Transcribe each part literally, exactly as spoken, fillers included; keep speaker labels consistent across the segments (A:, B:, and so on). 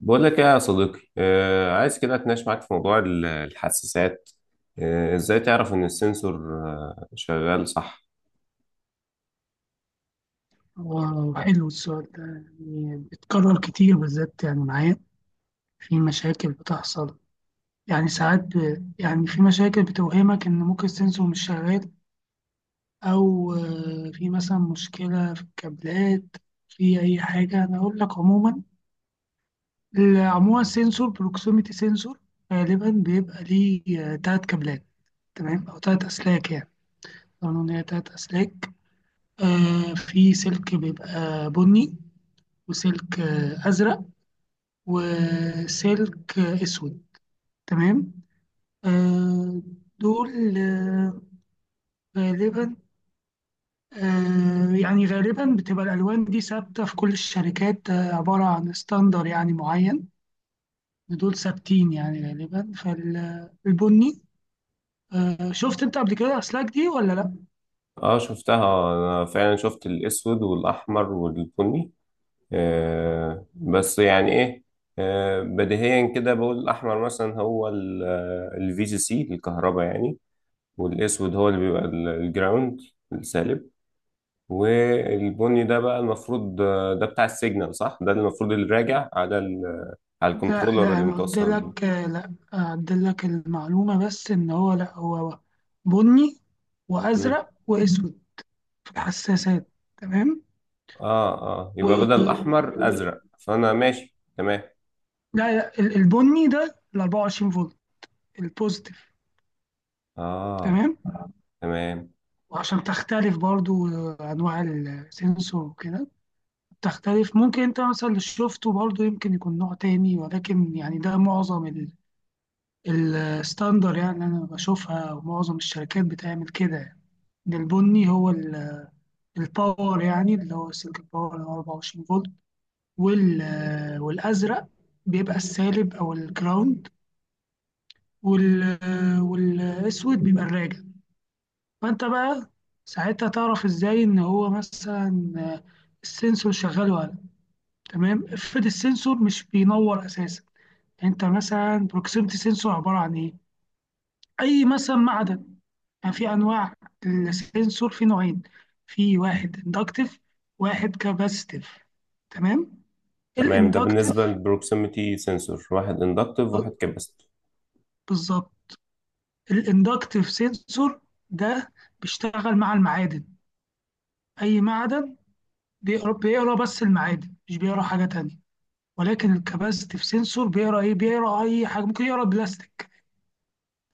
A: بقول لك ايه يا صديقي، آه عايز كده اتناقش معاك في موضوع ال- الحساسات. آه ازاي تعرف ان السنسور آه شغال صح؟
B: واو، حلو السؤال ده. يعني بيتكرر كتير بالذات يعني معايا، في مشاكل بتحصل. يعني ساعات ب... يعني في مشاكل بتوهمك إن ممكن السنسور مش شغال، أو آه، في مثلا مشكلة في الكابلات، في أي حاجة. أنا أقول لك عموما. ال- عموما السنسور بروكسيميتي سنسور، غالبا بيبقى ليه آه، تلات كابلات. تمام، أو تلات أسلاك يعني، قانون هي تلات أسلاك. آه، في سلك بيبقى بني، وسلك آه، أزرق، وسلك أسود. تمام. آه، دول آه، غالبا آه، يعني غالبا بتبقى الألوان دي ثابتة في كل الشركات، آه، عبارة عن ستاندر يعني معين. دول ثابتين يعني غالبا، فالبني. آه، شفت أنت قبل كده أسلاك دي ولا لأ؟
A: اه، شفتها، انا فعلا شفت الاسود والاحمر والبني. آه بس يعني ايه، آه بديهيا كده بقول الاحمر مثلا هو الفي جي سي الكهرباء يعني، والاسود هو اللي بيبقى ال- الجراوند السالب. والبني ده بقى المفروض، آه، ده بتاع السيجنال صح، ده المفروض اللي راجع على على
B: لا
A: الكنترولر
B: لا،
A: اللي
B: أنا قلت
A: متوصل بيه.
B: لك، آه، لأ أعدل لك المعلومة، بس إن هو لأ، هو بني
A: مم.
B: وأزرق وأسود في الحساسات. تمام.
A: اه اه، يبقى بدل الاحمر ازرق، فانا ماشي تمام.
B: لا لا، ال- البني ده ال اربعه وعشرين فولت، البوزيتيف.
A: اه
B: تمام.
A: تمام.
B: وعشان تختلف برضو آه، انواع السنسور وكده، تختلف، ممكن انت مثلا اللي شفته برضو يمكن يكون نوع تاني، ولكن يعني ده معظم ال- الستاندر يعني اللي انا بشوفها، ومعظم الشركات بتعمل كده يعني. إن البني هو ال- الباور يعني، اللي هو سلك الباور اللي هو اربع وعشرين فولت. وال- آه، والازرق بيبقى السالب او الجراوند. وال- آه، والاسود بيبقى الراجع. فأنت بقى ساعتها تعرف إزاي إن هو مثلا آه، السنسور شغال ولا لأ. تمام، افرض السنسور مش بينور أساسا. يعني أنت مثلا بروكسيمتي سنسور عبارة عن إيه؟ أي مثلا معدن. يعني في أنواع، السنسور في نوعين: في واحد إندكتيف، واحد كاباسيتيف. تمام.
A: تمام، ده بالنسبه
B: الإندكتيف
A: للبروكسيميتي سنسور، واحد اندكتيف واحد كاباسيتيف.
B: بالظبط. الإندكتيف سنسور ده بيشتغل مع المعادن، أي معدن، بيقرا بيقرا بس المعادن، مش بيقرا حاجة تانية. ولكن الكباستيف سنسور بيقرا ايه؟ بيقرا اي حاجه، ممكن يقرا بلاستيك،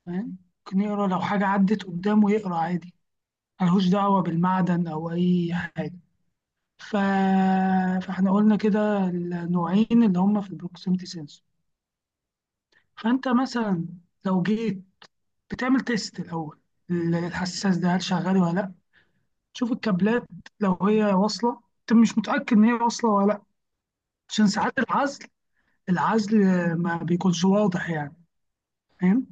B: فاهم؟ ممكن يقرا لو حاجه عدت قدامه، يقرا عادي، ملهوش دعوه بالمعدن او اي حاجه. ف... فاحنا قلنا كده النوعين اللي هم في البروكسيمتي سنسور. فانت مثلا لو جيت بتعمل تيست الاول، الحساس ده هل شغال ولا لا. تشوف الكابلات، لو هي واصله، انت مش متاكد ان هي واصله ولا لا، عشان ساعات العزل العزل ما بيكونش واضح يعني، فاهم؟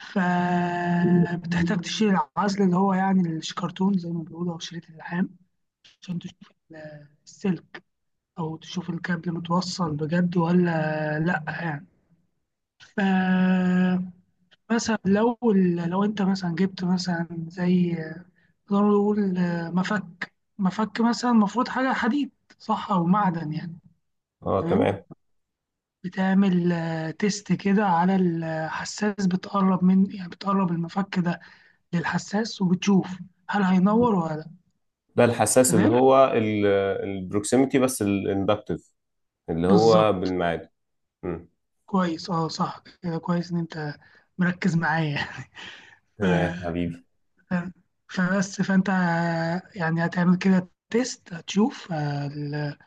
B: فبتحتاج تشيل العزل، اللي هو يعني الشكرتون زي ما بيقولوا، أو شريط اللحام، عشان تشوف ال- السلك، أو تشوف الكابل متوصل بجد ولا لأ يعني. ف مثلا لو ال- لو انت مثلا جبت مثلا زي، نقدر نقول مفك. مفك مثلا المفروض حاجة حديد، صح؟ أو معدن يعني.
A: اه تمام.
B: تمام. بتعمل آه، تيست كده على الحساس، بتقرب من، يعني بتقرب المفك ده للحساس، وبتشوف هل هينور ولا لا.
A: ده الحساس اللي
B: تمام،
A: هو البروكسيميتي بس الاندكتيف، اللي هو
B: بالظبط.
A: بالميعاد. مم.
B: كويس، اه صح كده، كويس ان انت مركز معايا. ف-
A: تمام حبيبي.
B: ف- فبس فانت يعني هتعمل كده تيست، هتشوف آه، ال-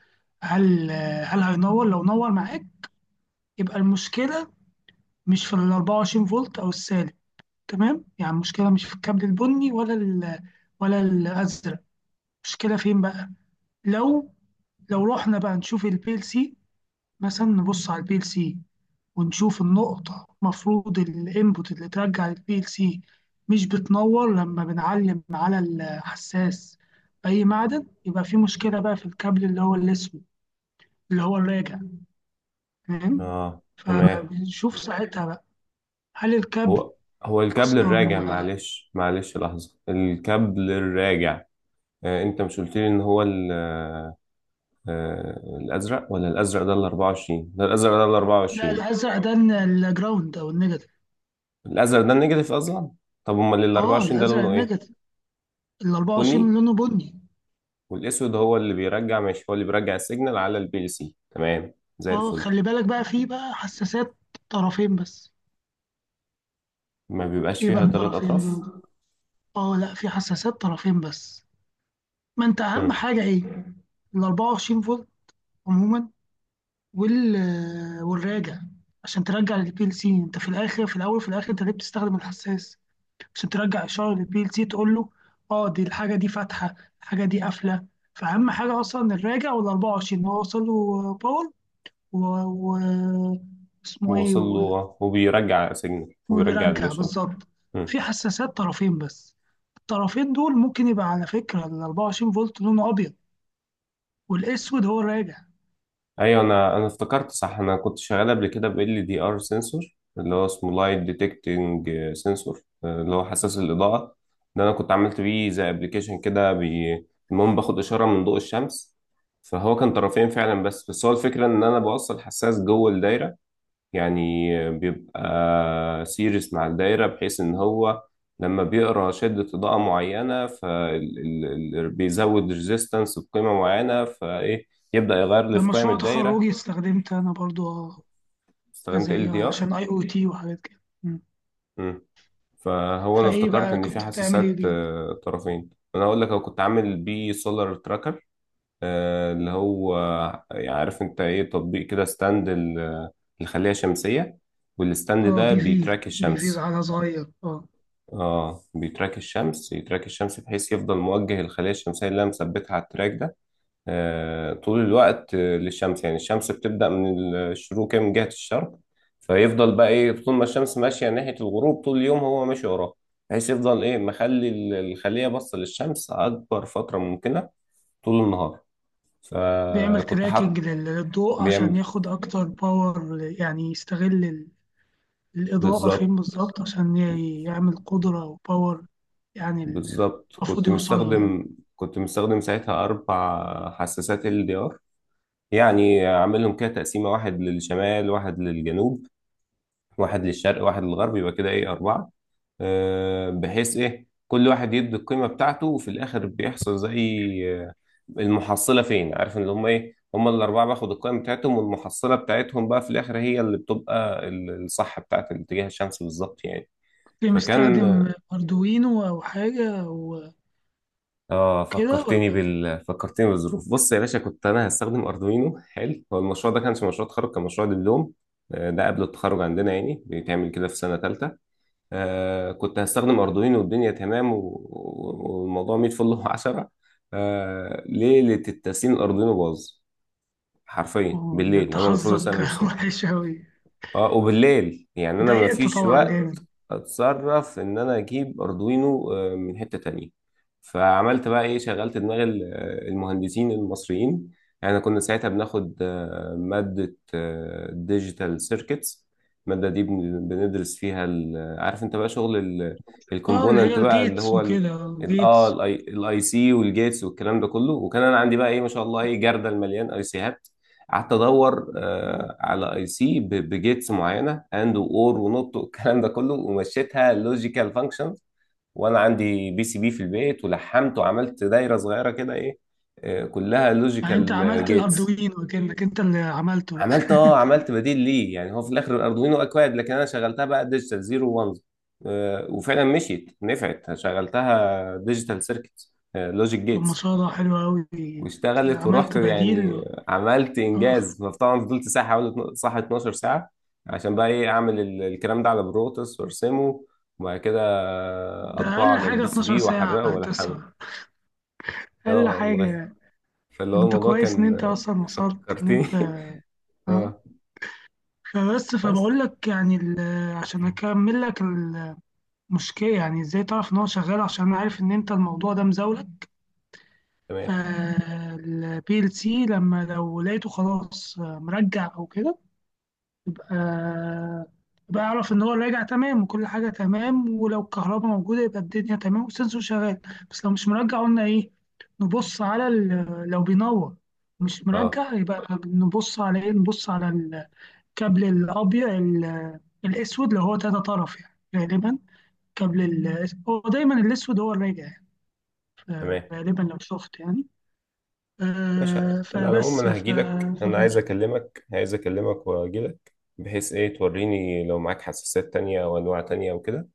B: هل هل هينور. لو نور معاك، يبقى المشكلة مش في ال اربع وعشرين فولت او السالب. تمام، يعني المشكلة مش في الكابل البني ولا ال ولا الازرق. المشكلة فين بقى؟ لو لو رحنا بقى نشوف البي ال سي، مثلا نبص على البي ال سي، ونشوف النقطة، المفروض الانبوت اللي ترجع للبي ال سي مش بتنور لما بنعلم على الحساس أي معدن، يبقى في مشكلة بقى في الكابل اللي هو الأسود، اللي هو الراجع، فاهم؟
A: اه تمام.
B: فبنشوف ساعتها بقى هل الكابل
A: هو هو الكابل الراجع،
B: أصلا.
A: معلش معلش لحظه، الكابل الراجع. آه انت مش قلت لي ان هو، آه، الازرق؟ ولا الازرق ده ال أربعة وعشرين؟ ده الازرق ده ال
B: لا،
A: أربعة وعشرين؟
B: الأزرق ده الن- الجراوند أو النيجاتيف.
A: الازرق ده النيجاتيف اصلا؟ طب امال ال
B: اه
A: أربعة وعشرين ده
B: الأزرق
A: لونه ايه؟
B: النيجاتيف، ال اربعه وعشرين
A: بني؟
B: لونه بني.
A: والاسود هو اللي بيرجع، ماشي، هو اللي بيرجع السيجنال على البي ال سي، تمام زي
B: اه،
A: الفل.
B: خلي بالك بقى، في بقى حساسات طرفين بس.
A: ما بيبقاش
B: ايه
A: فيها
B: بقى
A: ثلاث
B: طرفين
A: اطراف؟
B: دول؟ اه لا، في حساسات طرفين بس. ما انت اهم
A: امم.
B: حاجه ايه؟ ال اربعه وعشرين فولت عموما، وال والراجع، عشان ترجع للبي ال سي. انت في الاخر، في الاول، في الاخر، انت ليه بتستخدم الحساس؟ عشان ترجع اشاره للبي ال سي، تقول له اه دي الحاجه دي فاتحه، الحاجه دي قافله، فاهم حاجه؟ اصلا الراجع وال اربع وعشرين ان هو وصل له باور، و... و... اسمه ايه،
A: وصل
B: و...
A: له وبيرجع سيجنال وبيرجع
B: وبيرجع
A: الاشاره.
B: بالظبط. في حساسات طرفين بس، الطرفين دول ممكن يبقى على فكره، ال اربعه وعشرين فولت لونه ابيض، والاسود هو الراجع.
A: ايوه، انا انا افتكرت صح. انا كنت شغال قبل كده ب ال دي ار سنسور، اللي هو اسمه لايت ديتكتنج سنسور، اللي هو حساس الاضاءه. ده انا كنت عملت بيه زي ابلكيشن كده، بي... المهم باخد اشاره من ضوء الشمس. فهو كان طرفين فعلا، بس بس هو الفكره ان انا بوصل حساس جوه الدايره. يعني بيبقى سيريس مع الدايره، بحيث ان هو لما بيقرا شده اضاءه معينه، فبيزود ريزيستنس بقيمه معينه، فايه يبدأ يغير لي
B: ده
A: في قيم
B: مشروع
A: الدايرة.
B: تخرجي، استخدمت أنا برضو حاجة
A: استخدمت ال
B: زي،
A: دي
B: آه،
A: ار.
B: عشان أي أو تي وحاجات كده. مم.
A: فهو انا
B: فإيه
A: افتكرت
B: بقى
A: ان في
B: كنت بتعمل إيه
A: حساسات،
B: بيه؟
A: آه، طرفين. انا اقول لك، انا كنت عامل بيه سولار تراكر، آه، اللي هو، آه، يعني عارف انت ايه، تطبيق كده، ستاند ال- الخلية شمسية، والستاند
B: آه
A: ده
B: بي في
A: بيتراك
B: بي في
A: الشمس.
B: على صغير. آه
A: اه بيتراك الشمس، يتراك الشمس، بحيث يفضل موجه الخلية الشمسية اللي انا مثبتها على التراك ده، آه، طول الوقت، آه، للشمس. يعني الشمس بتبدأ من الشروق كده من جهة الشرق، فيفضل بقى ايه، طول ما الشمس ماشية ناحية الغروب طول اليوم هو ماشي وراها، بحيث يفضل ايه، مخلي ال- الخلية باصة للشمس أكبر فترة ممكنة، طول النهار.
B: بيعمل
A: فكنت
B: تراكنج
A: حاط.
B: لل- للضوء عشان
A: بيعمل.
B: ياخد أكتر باور، يعني يستغل ال- الإضاءة
A: بالظبط.
B: فين بالظبط عشان ي- يعمل قدرة وباور. يعني ال-
A: بالظبط
B: المفروض
A: كنت
B: يوصل له يعني.
A: مستخدم، كنت مستخدم ساعتها أربع حساسات ال دي ار، يعني عاملهم كده تقسيمة، واحد للشمال واحد للجنوب واحد للشرق واحد للغرب، يبقى كده ايه، أربعة. آه، بحيث ايه كل واحد يدي القيمة بتاعته، وفي الاخر بيحصل زي، آه، المحصلة فين، عارف ان هم ايه، هم الاربعة باخد القيمة بتاعتهم، والمحصلة بتاعتهم بقى في الاخر هي اللي بتبقى ال- الصح بتاعت الاتجاه الشمسي بالظبط يعني.
B: كنت
A: فكان،
B: مستخدم أردوينو أو حاجة وكده،
A: اه،
B: ولا؟
A: فكرتني بال فكرتني بالظروف. بص يا باشا، كنت انا هستخدم اردوينو. حلو، هو المشروع ده كانش مشروع تخرج، كان مشروع دبلوم، آه، ده قبل التخرج عندنا، يعني بيتعمل كده في سنة تالتة. آه كنت هستخدم أردوينو والدنيا تمام، و- و- والموضوع مية فل وعشرة آه، ليلة التسليم الأردوينو باظ، حرفيا
B: آه، ده
A: بالليل،
B: أنت
A: أنا المفروض
B: حظك
A: أسلم الصبح.
B: وحش أوي.
A: اه، وبالليل يعني أنا
B: اتضايقت
A: مفيش
B: طبعا
A: وقت.
B: جامد.
A: اتصرف ان انا اجيب اردوينو، آه، من حتة تانية. فعملت بقى ايه، شغلت دماغ ال- آه، المهندسين المصريين. يعني كنا ساعتها بناخد، آه، مادة ديجيتال سيركتس. المادة دي بن- بندرس فيها ال- آه، عارف انت بقى شغل
B: اه اللي هي
A: الكومبوننت بقى اللي
B: الجيتس
A: هو ال
B: وكده،
A: ال- اه
B: الجيتس.
A: الاي سي والجيتس والكلام ده كله. وكان انا عندي بقى ايه، ما شاء الله، ايه جردل مليان اي سيهات. قعدت ادور، آه، على اي سي بجيتس معينه، اند واور ونوت والكلام ده كله، ومشيتها لوجيكال فانكشنز. وانا عندي بي سي بي في البيت ولحمت وعملت دايره صغيره كده، ايه، آه، كلها
B: يعني انت
A: لوجيكال
B: عملت
A: جيتس.
B: الاردوين وكانك انت اللي عملته بقى.
A: عملت اه عملت بديل ليه، يعني هو في الاخر الاردوينو اكواد، لكن انا شغلتها بقى ديجيتال زيرو وانز. وفعلا مشيت، نفعت، شغلتها ديجيتال سيركت لوجيك
B: طب ما
A: جيتس،
B: شاء الله، حلو قوي.
A: واشتغلت ورحت
B: عملت
A: يعني.
B: بديل.
A: عملت
B: اه
A: انجاز. فطبعا فضلت ساعه حوالي صح اتناشر ساعه، عشان بقى ايه، اعمل ال- الكلام ده على بروتوس وارسمه، وبعد كده
B: ده
A: اطبعه
B: اقل
A: على
B: حاجه
A: البي سي
B: اتناشر
A: بي واحرقه
B: ساعه،
A: والحمه.
B: تسعة، اقل
A: اه والله.
B: حاجه.
A: فاللي هو
B: انت
A: الموضوع
B: كويس ان
A: كان.
B: انت اصلا وصلت ان
A: فكرتني
B: انت. اه،
A: اه
B: فبس،
A: بس.
B: فبقول لك يعني ال- عشان اكمل لك المشكله، يعني ازاي تعرف ان هو شغال، عشان انا عارف ان انت الموضوع ده مزاولك.
A: تمام،
B: فالبي ال سي لما لو لقيته خلاص مرجع او كده، آه بعرف ان هو راجع تمام وكل حاجه تمام، ولو الكهرباء موجوده يبقى الدنيا تمام والسنسور شغال. بس لو مش مرجع، قلنا ايه، نبص على ال- آه، لو بينور. مش
A: اه
B: مرجع، يبقى نبص على ايه؟ نبص على الكابل الابيض، ال- الاسود، اللي هو تلاتة طرف يعني، غالبا. كابل ال- هو دايما الاسود هو الراجع يعني. ف-
A: تمام،
B: غالبا لو شفت يعني،
A: ماشي. انا
B: آه،
A: على العموم
B: فبس
A: انا
B: ف-
A: هجيلك. انا عايز اكلمك عايز اكلمك واجيلك، بحيث ايه توريني لو معاك حساسات تانية او انواع تانية او كده.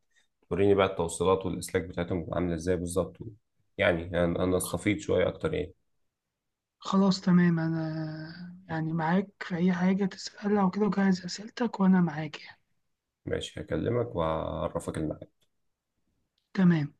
A: وريني بقى التوصيلات والاسلاك بتاعتهم بتبقى عامله ازاي بالظبط، يعني انا أنا استفيد شويه اكتر يعني.
B: خلاص تمام، أنا يعني معاك في أي حاجة تسألها وكده، وجهز أسئلتك وأنا معاك يعني.
A: ماشي هكلمك وهعرفك الميعاد.
B: تمام.